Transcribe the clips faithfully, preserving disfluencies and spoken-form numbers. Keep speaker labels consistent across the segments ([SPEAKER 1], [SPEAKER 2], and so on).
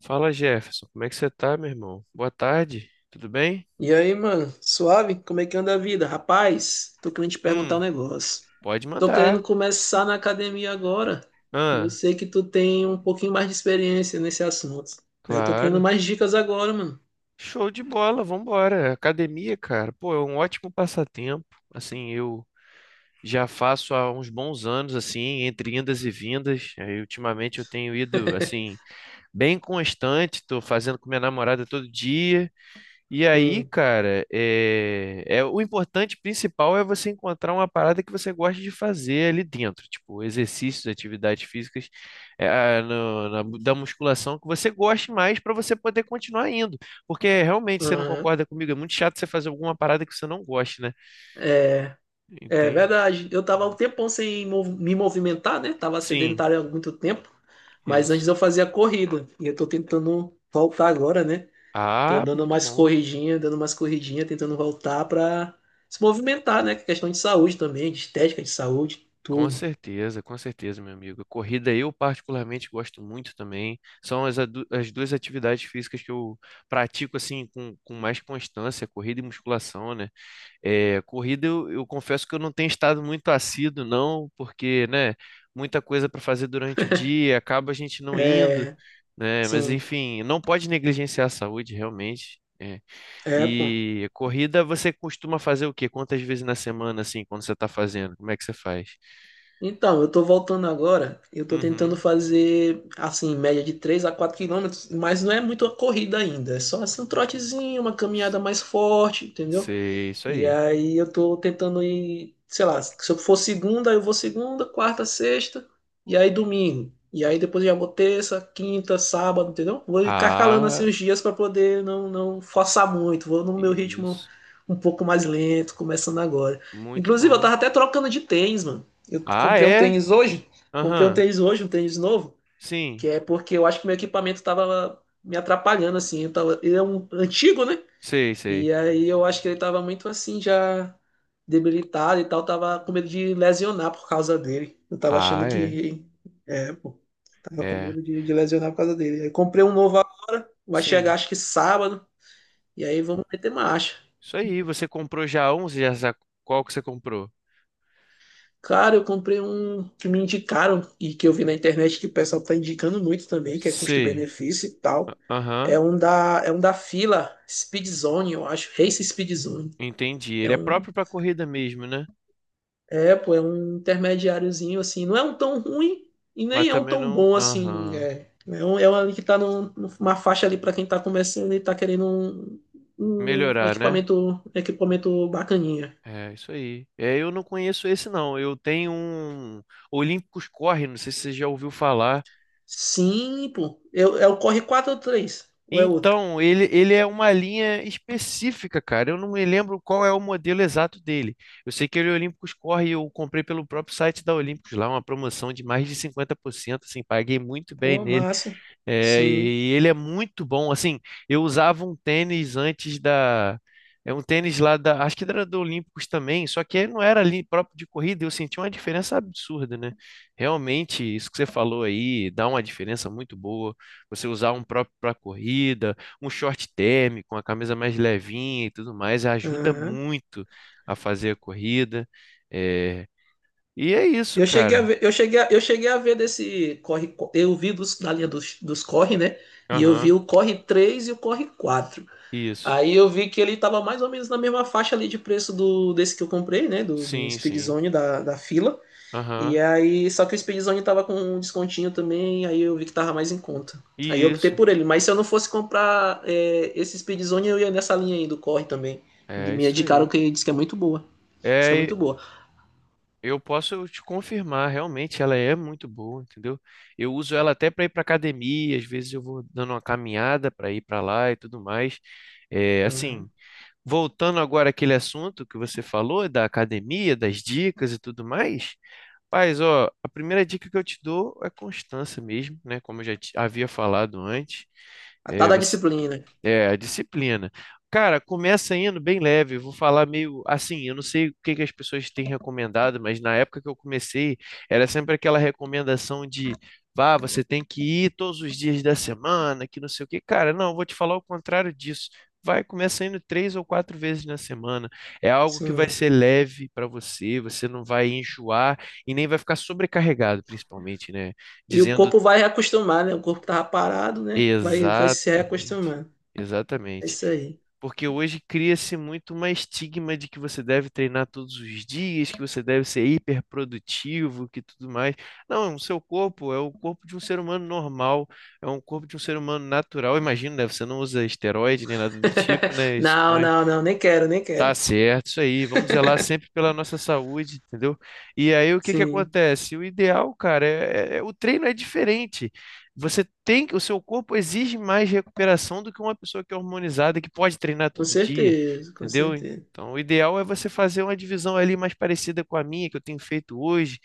[SPEAKER 1] Fala, Jefferson, como é que você tá, meu irmão? Boa tarde, tudo bem?
[SPEAKER 2] E aí, mano, suave? Como é que anda a vida? Rapaz, tô querendo te perguntar um
[SPEAKER 1] Hum,
[SPEAKER 2] negócio.
[SPEAKER 1] pode
[SPEAKER 2] Tô querendo
[SPEAKER 1] mandar.
[SPEAKER 2] começar na academia agora. E eu
[SPEAKER 1] Ah,
[SPEAKER 2] sei que tu tem um pouquinho mais de experiência nesse assunto, né? Tô querendo
[SPEAKER 1] claro.
[SPEAKER 2] mais dicas agora, mano.
[SPEAKER 1] Show de bola, vambora. Academia, cara, pô, é um ótimo passatempo. Assim, eu já faço há uns bons anos, assim, entre indas e vindas. Aí, ultimamente eu tenho ido, assim, bem constante, tô fazendo com minha namorada todo dia. E aí,
[SPEAKER 2] Sim.
[SPEAKER 1] cara, é, é o importante principal é você encontrar uma parada que você gosta de fazer ali dentro, tipo exercícios, atividades físicas, é, ah, no- na mu- da musculação que você goste mais para você poder continuar indo, porque realmente você não
[SPEAKER 2] Aham.
[SPEAKER 1] concorda comigo, é muito chato você fazer alguma parada que você não goste, né?
[SPEAKER 2] É, é
[SPEAKER 1] Entende?
[SPEAKER 2] verdade. Eu tava um tempão sem mov- me movimentar, né? Tava
[SPEAKER 1] Sim,
[SPEAKER 2] sedentário há muito tempo. Mas
[SPEAKER 1] isso.
[SPEAKER 2] antes eu fazia corrida. E eu tô tentando voltar agora, né? Tô
[SPEAKER 1] Ah,
[SPEAKER 2] dando
[SPEAKER 1] muito
[SPEAKER 2] mais
[SPEAKER 1] bom.
[SPEAKER 2] corridinha, dando mais corridinha, tentando voltar pra se movimentar, né? Que é questão de saúde também, de estética, de saúde,
[SPEAKER 1] Com
[SPEAKER 2] tudo.
[SPEAKER 1] certeza, com certeza, meu amigo. Corrida eu particularmente gosto muito também. São as, adu- as duas atividades físicas que eu pratico assim com, com mais constância, corrida e musculação, né? É, corrida eu, eu confesso que eu não tenho estado muito assíduo, não, porque, né, muita coisa para fazer durante o dia, acaba a gente não indo,
[SPEAKER 2] É,
[SPEAKER 1] né? Mas
[SPEAKER 2] sim.
[SPEAKER 1] enfim, não pode negligenciar a saúde, realmente. É.
[SPEAKER 2] É, pô.
[SPEAKER 1] E corrida você costuma fazer o quê? Quantas vezes na semana, assim, quando você está fazendo? Como é que você faz?
[SPEAKER 2] Então, eu tô voltando agora, eu tô tentando
[SPEAKER 1] Uhum.
[SPEAKER 2] fazer, assim, média de três a quatro quilômetros, mas não é muito a corrida ainda, é só assim, um trotezinho, uma caminhada mais forte, entendeu?
[SPEAKER 1] Sei, isso
[SPEAKER 2] E
[SPEAKER 1] aí.
[SPEAKER 2] aí eu tô tentando ir, sei lá, se eu for segunda, eu vou segunda, quarta, sexta, e aí domingo. E aí depois eu já vou terça, quinta, sábado, entendeu? Vou intercalando
[SPEAKER 1] Ah,
[SPEAKER 2] assim os dias para poder não, não forçar muito. Vou no meu ritmo
[SPEAKER 1] isso.
[SPEAKER 2] um pouco mais lento, começando agora.
[SPEAKER 1] Muito
[SPEAKER 2] Inclusive, eu
[SPEAKER 1] bom.
[SPEAKER 2] tava até trocando de tênis, mano. Eu
[SPEAKER 1] Ah,
[SPEAKER 2] comprei um
[SPEAKER 1] é?
[SPEAKER 2] tênis hoje, comprei um
[SPEAKER 1] Aham.
[SPEAKER 2] tênis hoje, um tênis novo,
[SPEAKER 1] Sim.
[SPEAKER 2] que é porque eu acho que meu equipamento tava me atrapalhando, assim. Eu tava, ele é um antigo, né?
[SPEAKER 1] Sei, sei.
[SPEAKER 2] E aí eu acho que ele tava muito assim, já debilitado e tal, tava com medo de lesionar por causa dele. Eu tava
[SPEAKER 1] Ah,
[SPEAKER 2] achando
[SPEAKER 1] é.
[SPEAKER 2] que. É, pô, tava com
[SPEAKER 1] É.
[SPEAKER 2] medo de, de lesionar por causa dele. Aí comprei um novo agora, vai chegar
[SPEAKER 1] Sim.
[SPEAKER 2] acho que sábado, e aí vamos meter marcha.
[SPEAKER 1] Isso aí. Você comprou já um? Você já sabe qual que você comprou?
[SPEAKER 2] Cara, eu comprei um que me indicaram e que eu vi na internet que o pessoal tá indicando muito também, que é
[SPEAKER 1] Sei.
[SPEAKER 2] custo-benefício e tal. É
[SPEAKER 1] Aham.
[SPEAKER 2] um da, é um da fila Speed Zone, eu acho, Race Speed Zone.
[SPEAKER 1] Entendi.
[SPEAKER 2] é
[SPEAKER 1] Ele é
[SPEAKER 2] um
[SPEAKER 1] próprio para corrida mesmo, né?
[SPEAKER 2] É, pô, é um intermediáriozinho, assim. Não é um tão ruim e
[SPEAKER 1] Mas
[SPEAKER 2] nem é um
[SPEAKER 1] também
[SPEAKER 2] tão
[SPEAKER 1] não.
[SPEAKER 2] bom, assim.
[SPEAKER 1] Aham.
[SPEAKER 2] É, é, um, é um ali que tá num- numa faixa ali para quem tá começando e tá querendo um, um
[SPEAKER 1] Melhorar, né?
[SPEAKER 2] equipamento, equipamento bacaninha.
[SPEAKER 1] É, isso aí. É, eu não conheço esse, não. Eu tenho um Olímpicos Corre, não sei se você já ouviu falar.
[SPEAKER 2] Sim, pô. É, é o Corre quatro ou três? Ou é outro?
[SPEAKER 1] Então, ele, ele é uma linha específica, cara. Eu não me lembro qual é o modelo exato dele. Eu sei que ele é Olympus Core e eu comprei pelo próprio site da Olympus lá, uma promoção de mais de cinquenta por cento. Assim, paguei muito bem
[SPEAKER 2] Pô,
[SPEAKER 1] nele.
[SPEAKER 2] massa.
[SPEAKER 1] É,
[SPEAKER 2] Sim.
[SPEAKER 1] e ele é muito bom. Assim, eu usava um tênis antes da. É um tênis lá da. Acho que era do Olímpicos também, só que ele não era ali próprio de corrida. Eu senti uma diferença absurda, né? Realmente, isso que você falou aí dá uma diferença muito boa. Você usar um próprio para corrida, um short térmico, uma camisa mais levinha e tudo mais, ajuda
[SPEAKER 2] Aham.
[SPEAKER 1] muito a fazer a corrida. É, e é isso,
[SPEAKER 2] Eu cheguei
[SPEAKER 1] cara.
[SPEAKER 2] a ver, eu cheguei a, eu cheguei a ver desse Corre... Eu vi dos, da linha dos, dos Corre, né? E eu vi
[SPEAKER 1] Aham,
[SPEAKER 2] o Corre três e o Corre quatro.
[SPEAKER 1] isso.
[SPEAKER 2] Aí eu vi que ele tava mais ou menos na mesma faixa ali de preço do desse que eu comprei, né? Do, do
[SPEAKER 1] Sim, sim.
[SPEAKER 2] Speedzone da, da fila. E
[SPEAKER 1] Aham,
[SPEAKER 2] aí, só que o Speedzone tava com um descontinho também, aí eu vi que tava mais em conta. Aí eu
[SPEAKER 1] e
[SPEAKER 2] optei
[SPEAKER 1] isso.
[SPEAKER 2] por ele. Mas se eu não fosse comprar é, esse Speedzone, eu ia nessa linha aí do Corre também.
[SPEAKER 1] É
[SPEAKER 2] Me
[SPEAKER 1] isso
[SPEAKER 2] indicaram
[SPEAKER 1] aí.
[SPEAKER 2] que diz que é muito boa. Diz que é
[SPEAKER 1] É, e
[SPEAKER 2] muito boa.
[SPEAKER 1] eu posso te confirmar, realmente ela é muito boa, entendeu? Eu uso ela até para ir para academia, às vezes eu vou dando uma caminhada para ir para lá e tudo mais. É, assim,
[SPEAKER 2] Uhum.
[SPEAKER 1] voltando agora àquele assunto que você falou da academia, das dicas e tudo mais. Paz, ó, a primeira dica que eu te dou é constância mesmo, né? Como eu já te- havia falado antes.
[SPEAKER 2] A tal da disciplina.
[SPEAKER 1] É, a disciplina. Cara, começa indo bem leve, eu vou falar meio assim, eu não sei o que que as pessoas têm recomendado, mas na época que eu comecei, era sempre aquela recomendação de, vá, você tem que ir todos os dias da semana, que não sei o que. Cara, não, eu vou te falar o contrário disso. Vai, começa indo três ou quatro vezes na semana. É algo que vai
[SPEAKER 2] Sim.
[SPEAKER 1] ser leve para você, você não vai enjoar e nem vai ficar sobrecarregado, principalmente, né?
[SPEAKER 2] E o
[SPEAKER 1] Dizendo
[SPEAKER 2] corpo vai reacostumar, né? O corpo que tava parado, né? Vai, vai se
[SPEAKER 1] Exatamente.
[SPEAKER 2] reacostumando. É
[SPEAKER 1] Exatamente.
[SPEAKER 2] isso aí.
[SPEAKER 1] Porque hoje cria-se muito uma estigma de que você deve treinar todos os dias, que você deve ser hiperprodutivo, que tudo mais. Não, o seu corpo é o corpo de um ser humano normal, é um corpo de um ser humano natural. Imagino, né? Você não usa esteroide nem nada do tipo, né? Isso.
[SPEAKER 2] Não, não, não, nem quero, nem
[SPEAKER 1] Tá
[SPEAKER 2] quero.
[SPEAKER 1] certo, isso aí. Vamos zelar sempre pela nossa saúde, entendeu? E aí o que que
[SPEAKER 2] Sim,
[SPEAKER 1] acontece? O ideal, cara, é, é- o treino é diferente. Você tem que, o seu corpo exige mais recuperação do que uma pessoa que é hormonizada que pode treinar
[SPEAKER 2] com
[SPEAKER 1] todo dia,
[SPEAKER 2] certeza, com
[SPEAKER 1] entendeu?
[SPEAKER 2] certeza.
[SPEAKER 1] Então, o ideal é você fazer uma divisão ali mais parecida com a minha que eu tenho feito hoje,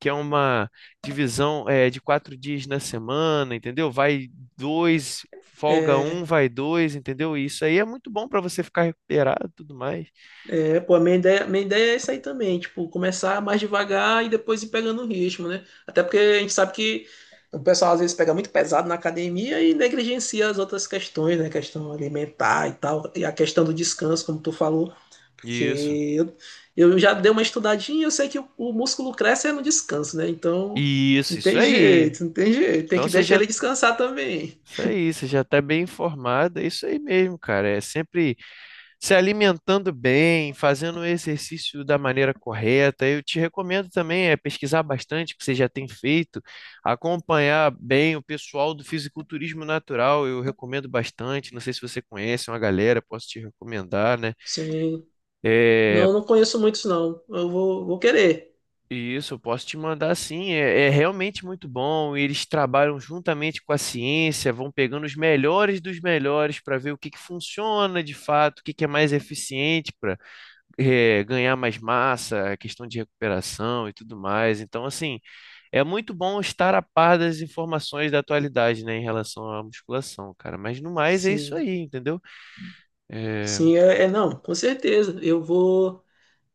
[SPEAKER 1] que é uma divisão é, de quatro dias na semana, entendeu? Vai dois, folga um,
[SPEAKER 2] É,
[SPEAKER 1] vai dois, entendeu? E isso aí é muito bom para você ficar recuperado, e tudo mais.
[SPEAKER 2] é, pô, a minha ideia, minha ideia é essa aí também, tipo, começar mais devagar e depois ir pegando o ritmo, né? Até porque a gente sabe que o pessoal às vezes pega muito pesado na academia e negligencia as outras questões, né? Questão alimentar e tal, e a questão do descanso, como tu falou,
[SPEAKER 1] Isso.
[SPEAKER 2] porque eu, eu já dei uma estudadinha e eu sei que o, o músculo cresce é no descanso, né? Então, não
[SPEAKER 1] Isso, isso
[SPEAKER 2] tem
[SPEAKER 1] aí.
[SPEAKER 2] jeito, não tem jeito, tem
[SPEAKER 1] Então
[SPEAKER 2] que
[SPEAKER 1] você
[SPEAKER 2] deixar
[SPEAKER 1] já,
[SPEAKER 2] ele descansar também.
[SPEAKER 1] isso aí, você já tá bem informado, é isso aí mesmo, cara. É sempre se alimentando bem, fazendo o exercício da maneira correta. Eu te recomendo também é pesquisar bastante o que você já tem feito, acompanhar bem o pessoal do fisiculturismo natural. Eu recomendo bastante. Não sei se você conhece é uma galera, posso te recomendar, né?
[SPEAKER 2] Sim.
[SPEAKER 1] É,
[SPEAKER 2] Não, não conheço muitos, não. Eu vou, vou querer.
[SPEAKER 1] isso, eu posso te mandar sim. É, é realmente muito bom. E eles trabalham juntamente com a ciência, vão pegando os melhores dos melhores para ver o que que funciona de fato, o que que é mais eficiente para ganhar mais massa, a questão de recuperação e tudo mais. Então, assim, é muito bom estar a par das informações da atualidade, né, em relação à musculação, cara. Mas no mais é isso
[SPEAKER 2] Sim,
[SPEAKER 1] aí, entendeu? É,
[SPEAKER 2] sim, é, é, não, com certeza. Eu vou.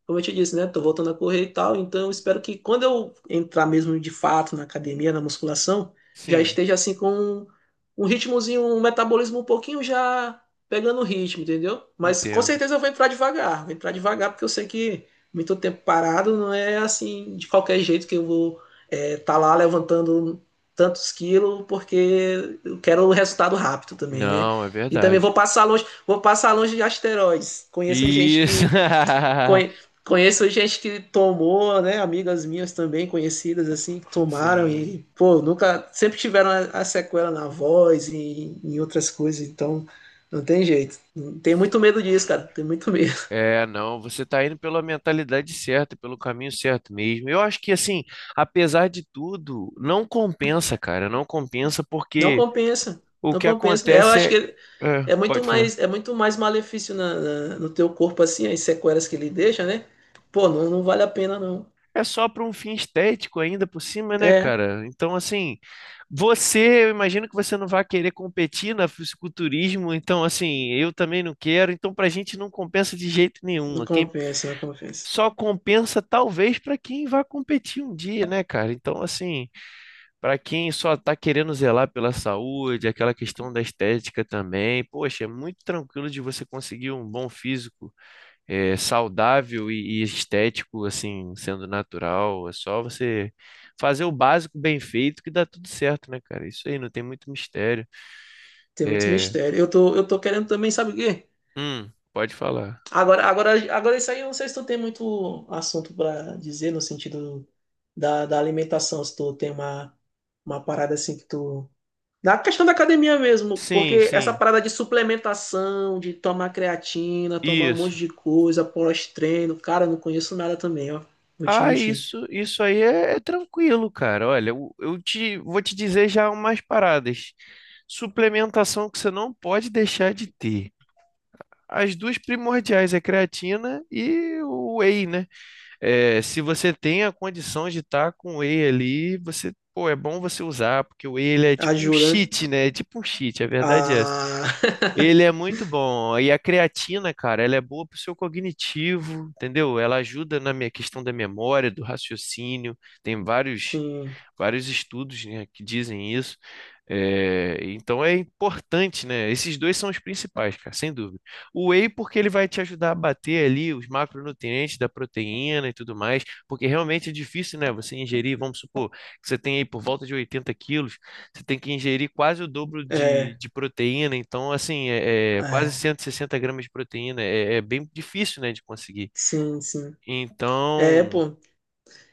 [SPEAKER 2] Como eu te disse, né? Tô voltando a correr e tal, então eu espero que quando eu entrar mesmo de fato na academia, na musculação, já
[SPEAKER 1] sim,
[SPEAKER 2] esteja assim com um, um ritmozinho, um metabolismo um pouquinho já pegando o ritmo, entendeu? Mas com
[SPEAKER 1] entendo.
[SPEAKER 2] certeza eu vou entrar devagar, vou entrar devagar, porque eu sei que muito tempo parado não é assim de qualquer jeito que eu vou estar lá levantando tantos quilos, porque eu quero o resultado rápido também, né?
[SPEAKER 1] Não, é
[SPEAKER 2] E também vou
[SPEAKER 1] verdade.
[SPEAKER 2] passar longe, vou passar longe de asteroides. Conheço gente
[SPEAKER 1] Isso.
[SPEAKER 2] que Conhe- Conheço gente que tomou, né? Amigas minhas também, conhecidas, assim, que tomaram
[SPEAKER 1] Sim.
[SPEAKER 2] e, pô, nunca. Sempre tiveram a, a sequela na voz e em outras coisas, então não tem jeito. Tem muito medo disso, cara. Tem muito medo.
[SPEAKER 1] É, não, você está indo pela mentalidade certa, pelo caminho certo mesmo. Eu acho que, assim, apesar de tudo, não compensa, cara, não compensa
[SPEAKER 2] Não
[SPEAKER 1] porque
[SPEAKER 2] compensa.
[SPEAKER 1] o
[SPEAKER 2] Não
[SPEAKER 1] que
[SPEAKER 2] compensa. É, eu acho
[SPEAKER 1] acontece
[SPEAKER 2] que
[SPEAKER 1] é. É,
[SPEAKER 2] é muito
[SPEAKER 1] pode falar.
[SPEAKER 2] mais, é muito mais malefício na- na- no teu corpo, assim, as sequelas que ele deixa, né? Pô, não, não vale a pena, não.
[SPEAKER 1] É só para um fim estético ainda por cima, né,
[SPEAKER 2] É,
[SPEAKER 1] cara? Então, assim, você, eu imagino que você não vai querer competir na fisiculturismo, então, assim, eu também não quero, então, pra gente não compensa de jeito
[SPEAKER 2] não
[SPEAKER 1] nenhum. Quem
[SPEAKER 2] compensa, não compensa.
[SPEAKER 1] só compensa, talvez, para quem vai competir um dia, né, cara? Então, assim. Para quem só está querendo zelar pela saúde, aquela questão da estética também, poxa, é muito tranquilo de você conseguir um bom físico, eh, saudável e, e estético, assim, sendo natural. É só você fazer o básico bem feito que dá tudo certo, né, cara? Isso aí, não tem muito mistério.
[SPEAKER 2] Tem muito
[SPEAKER 1] É...
[SPEAKER 2] mistério. Eu tô, eu tô querendo também, sabe o quê?
[SPEAKER 1] Hum, pode falar.
[SPEAKER 2] Agora, agora, agora isso aí eu não sei se tu tem muito assunto para dizer no sentido da, da alimentação, se tu tem uma, uma parada assim que tu. Da questão da academia mesmo,
[SPEAKER 1] Sim,
[SPEAKER 2] porque essa
[SPEAKER 1] sim,
[SPEAKER 2] parada de suplementação, de tomar creatina, tomar um monte
[SPEAKER 1] isso.
[SPEAKER 2] de coisa, pós-treino, cara, eu não conheço nada também, ó. Vou te
[SPEAKER 1] Ah,
[SPEAKER 2] mentir.
[SPEAKER 1] isso, isso aí é, é tranquilo, cara. Olha, eu, eu te vou te dizer já umas paradas. Suplementação que você não pode deixar de ter. As duas primordiais é creatina e o whey, né? É, se você tem a condição de estar com o whey ali, você, pô, é bom você usar, porque o whey ele é tipo um
[SPEAKER 2] Ajuda, né?
[SPEAKER 1] cheat, né? É tipo um cheat, a verdade é essa.
[SPEAKER 2] Ah,
[SPEAKER 1] Ele é muito bom. E a creatina, cara, ela é boa pro seu cognitivo, entendeu? Ela ajuda na minha questão da memória, do raciocínio. Tem vários
[SPEAKER 2] sim,
[SPEAKER 1] vários estudos, né, que dizem isso. É, então é importante, né? Esses dois são os principais, cara, sem dúvida. O whey, porque ele vai te ajudar a bater ali os macronutrientes da proteína e tudo mais, porque realmente é difícil, né? Você ingerir, vamos supor, que você tem aí por volta de oitenta quilos, você tem que ingerir quase o dobro de,
[SPEAKER 2] é,
[SPEAKER 1] de proteína, então, assim, é, é quase
[SPEAKER 2] é,
[SPEAKER 1] cento e sessenta gramas de proteína, é, é bem difícil, né, de conseguir.
[SPEAKER 2] sim, sim. É,
[SPEAKER 1] Então,
[SPEAKER 2] pô,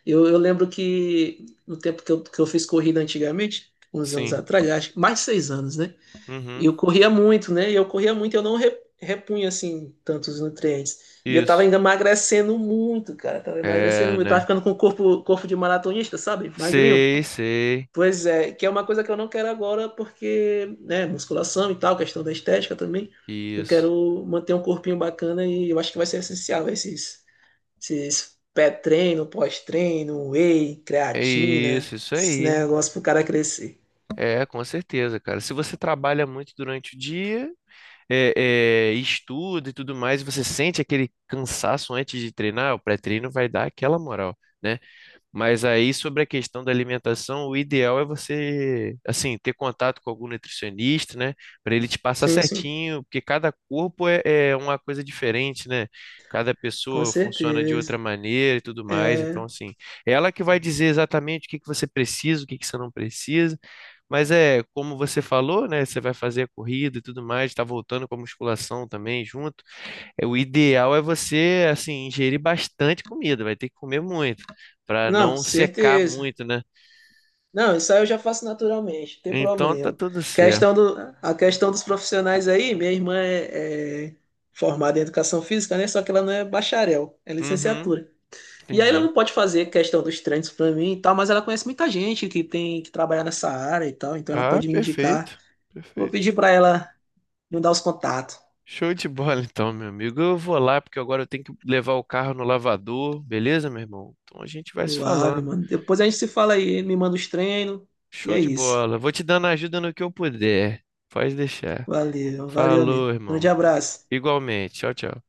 [SPEAKER 2] Eu, eu lembro que no tempo que eu, que eu fiz corrida antigamente, uns anos
[SPEAKER 1] sim,
[SPEAKER 2] atrás, acho que mais de seis anos, né? E
[SPEAKER 1] uhum,
[SPEAKER 2] eu corria muito, né? E eu corria muito, eu não re- repunha assim tantos nutrientes. E eu tava
[SPEAKER 1] isso,
[SPEAKER 2] ainda emagrecendo muito, cara. Tava emagrecendo
[SPEAKER 1] é,
[SPEAKER 2] muito. Eu tava
[SPEAKER 1] né?
[SPEAKER 2] ficando com o corpo, corpo de maratonista, sabe? Magrinho.
[SPEAKER 1] Sei, sei.
[SPEAKER 2] Pois é, que é uma coisa que eu não quero agora, porque, né, musculação e tal, questão da estética também. Eu
[SPEAKER 1] Isso.
[SPEAKER 2] quero manter um corpinho bacana e eu acho que vai ser essencial esses esses pré-treino, pós-treino, whey,
[SPEAKER 1] É
[SPEAKER 2] creatina,
[SPEAKER 1] isso, isso
[SPEAKER 2] esse
[SPEAKER 1] aí.
[SPEAKER 2] negócio pro cara crescer.
[SPEAKER 1] É, com certeza, cara. Se você trabalha muito durante o dia, é, é, estuda e tudo mais, e você sente aquele cansaço antes de treinar, o pré-treino vai dar aquela moral, né? Mas aí, sobre a questão da alimentação, o ideal é você, assim, ter contato com algum nutricionista, né? Para ele te passar
[SPEAKER 2] Sim, sim,
[SPEAKER 1] certinho, porque cada corpo é, é uma coisa diferente, né? Cada
[SPEAKER 2] com
[SPEAKER 1] pessoa funciona de
[SPEAKER 2] certeza.
[SPEAKER 1] outra maneira e tudo mais. Então,
[SPEAKER 2] É,
[SPEAKER 1] assim, é ela que vai dizer exatamente o que que você precisa, o que que você não precisa. Mas é, como você falou, né? Você vai fazer a corrida e tudo mais, tá voltando com a musculação também junto é, o ideal é você, assim, ingerir bastante comida, vai ter que comer muito, para
[SPEAKER 2] não,
[SPEAKER 1] não secar
[SPEAKER 2] certeza.
[SPEAKER 1] muito, né?
[SPEAKER 2] Não, isso aí eu já faço naturalmente, não tem
[SPEAKER 1] Então tá
[SPEAKER 2] problema.
[SPEAKER 1] tudo certo.
[SPEAKER 2] Questão do, a questão dos profissionais aí, minha irmã é, é formada em educação física, né? Só que ela não é bacharel, é
[SPEAKER 1] Uhum,
[SPEAKER 2] licenciatura. E aí ela
[SPEAKER 1] entendi.
[SPEAKER 2] não pode fazer questão dos treinos pra mim e tal, mas ela conhece muita gente que tem que trabalhar nessa área e tal, então ela
[SPEAKER 1] Ah,
[SPEAKER 2] pode me indicar.
[SPEAKER 1] perfeito,
[SPEAKER 2] Vou pedir
[SPEAKER 1] perfeito.
[SPEAKER 2] pra ela. Me dá os contatos.
[SPEAKER 1] Show de bola, então, meu amigo. Eu vou lá, porque agora eu tenho que levar o carro no lavador, beleza, meu irmão? Então a gente vai se
[SPEAKER 2] Suave,
[SPEAKER 1] falando.
[SPEAKER 2] mano. Depois a gente se fala aí, me manda os treinos. E
[SPEAKER 1] Show
[SPEAKER 2] é
[SPEAKER 1] de
[SPEAKER 2] isso.
[SPEAKER 1] bola. Vou te dando ajuda no que eu puder. Pode deixar.
[SPEAKER 2] Valeu, valeu,
[SPEAKER 1] Falou,
[SPEAKER 2] amigo. Grande
[SPEAKER 1] irmão.
[SPEAKER 2] abraço.
[SPEAKER 1] Igualmente. Tchau, tchau.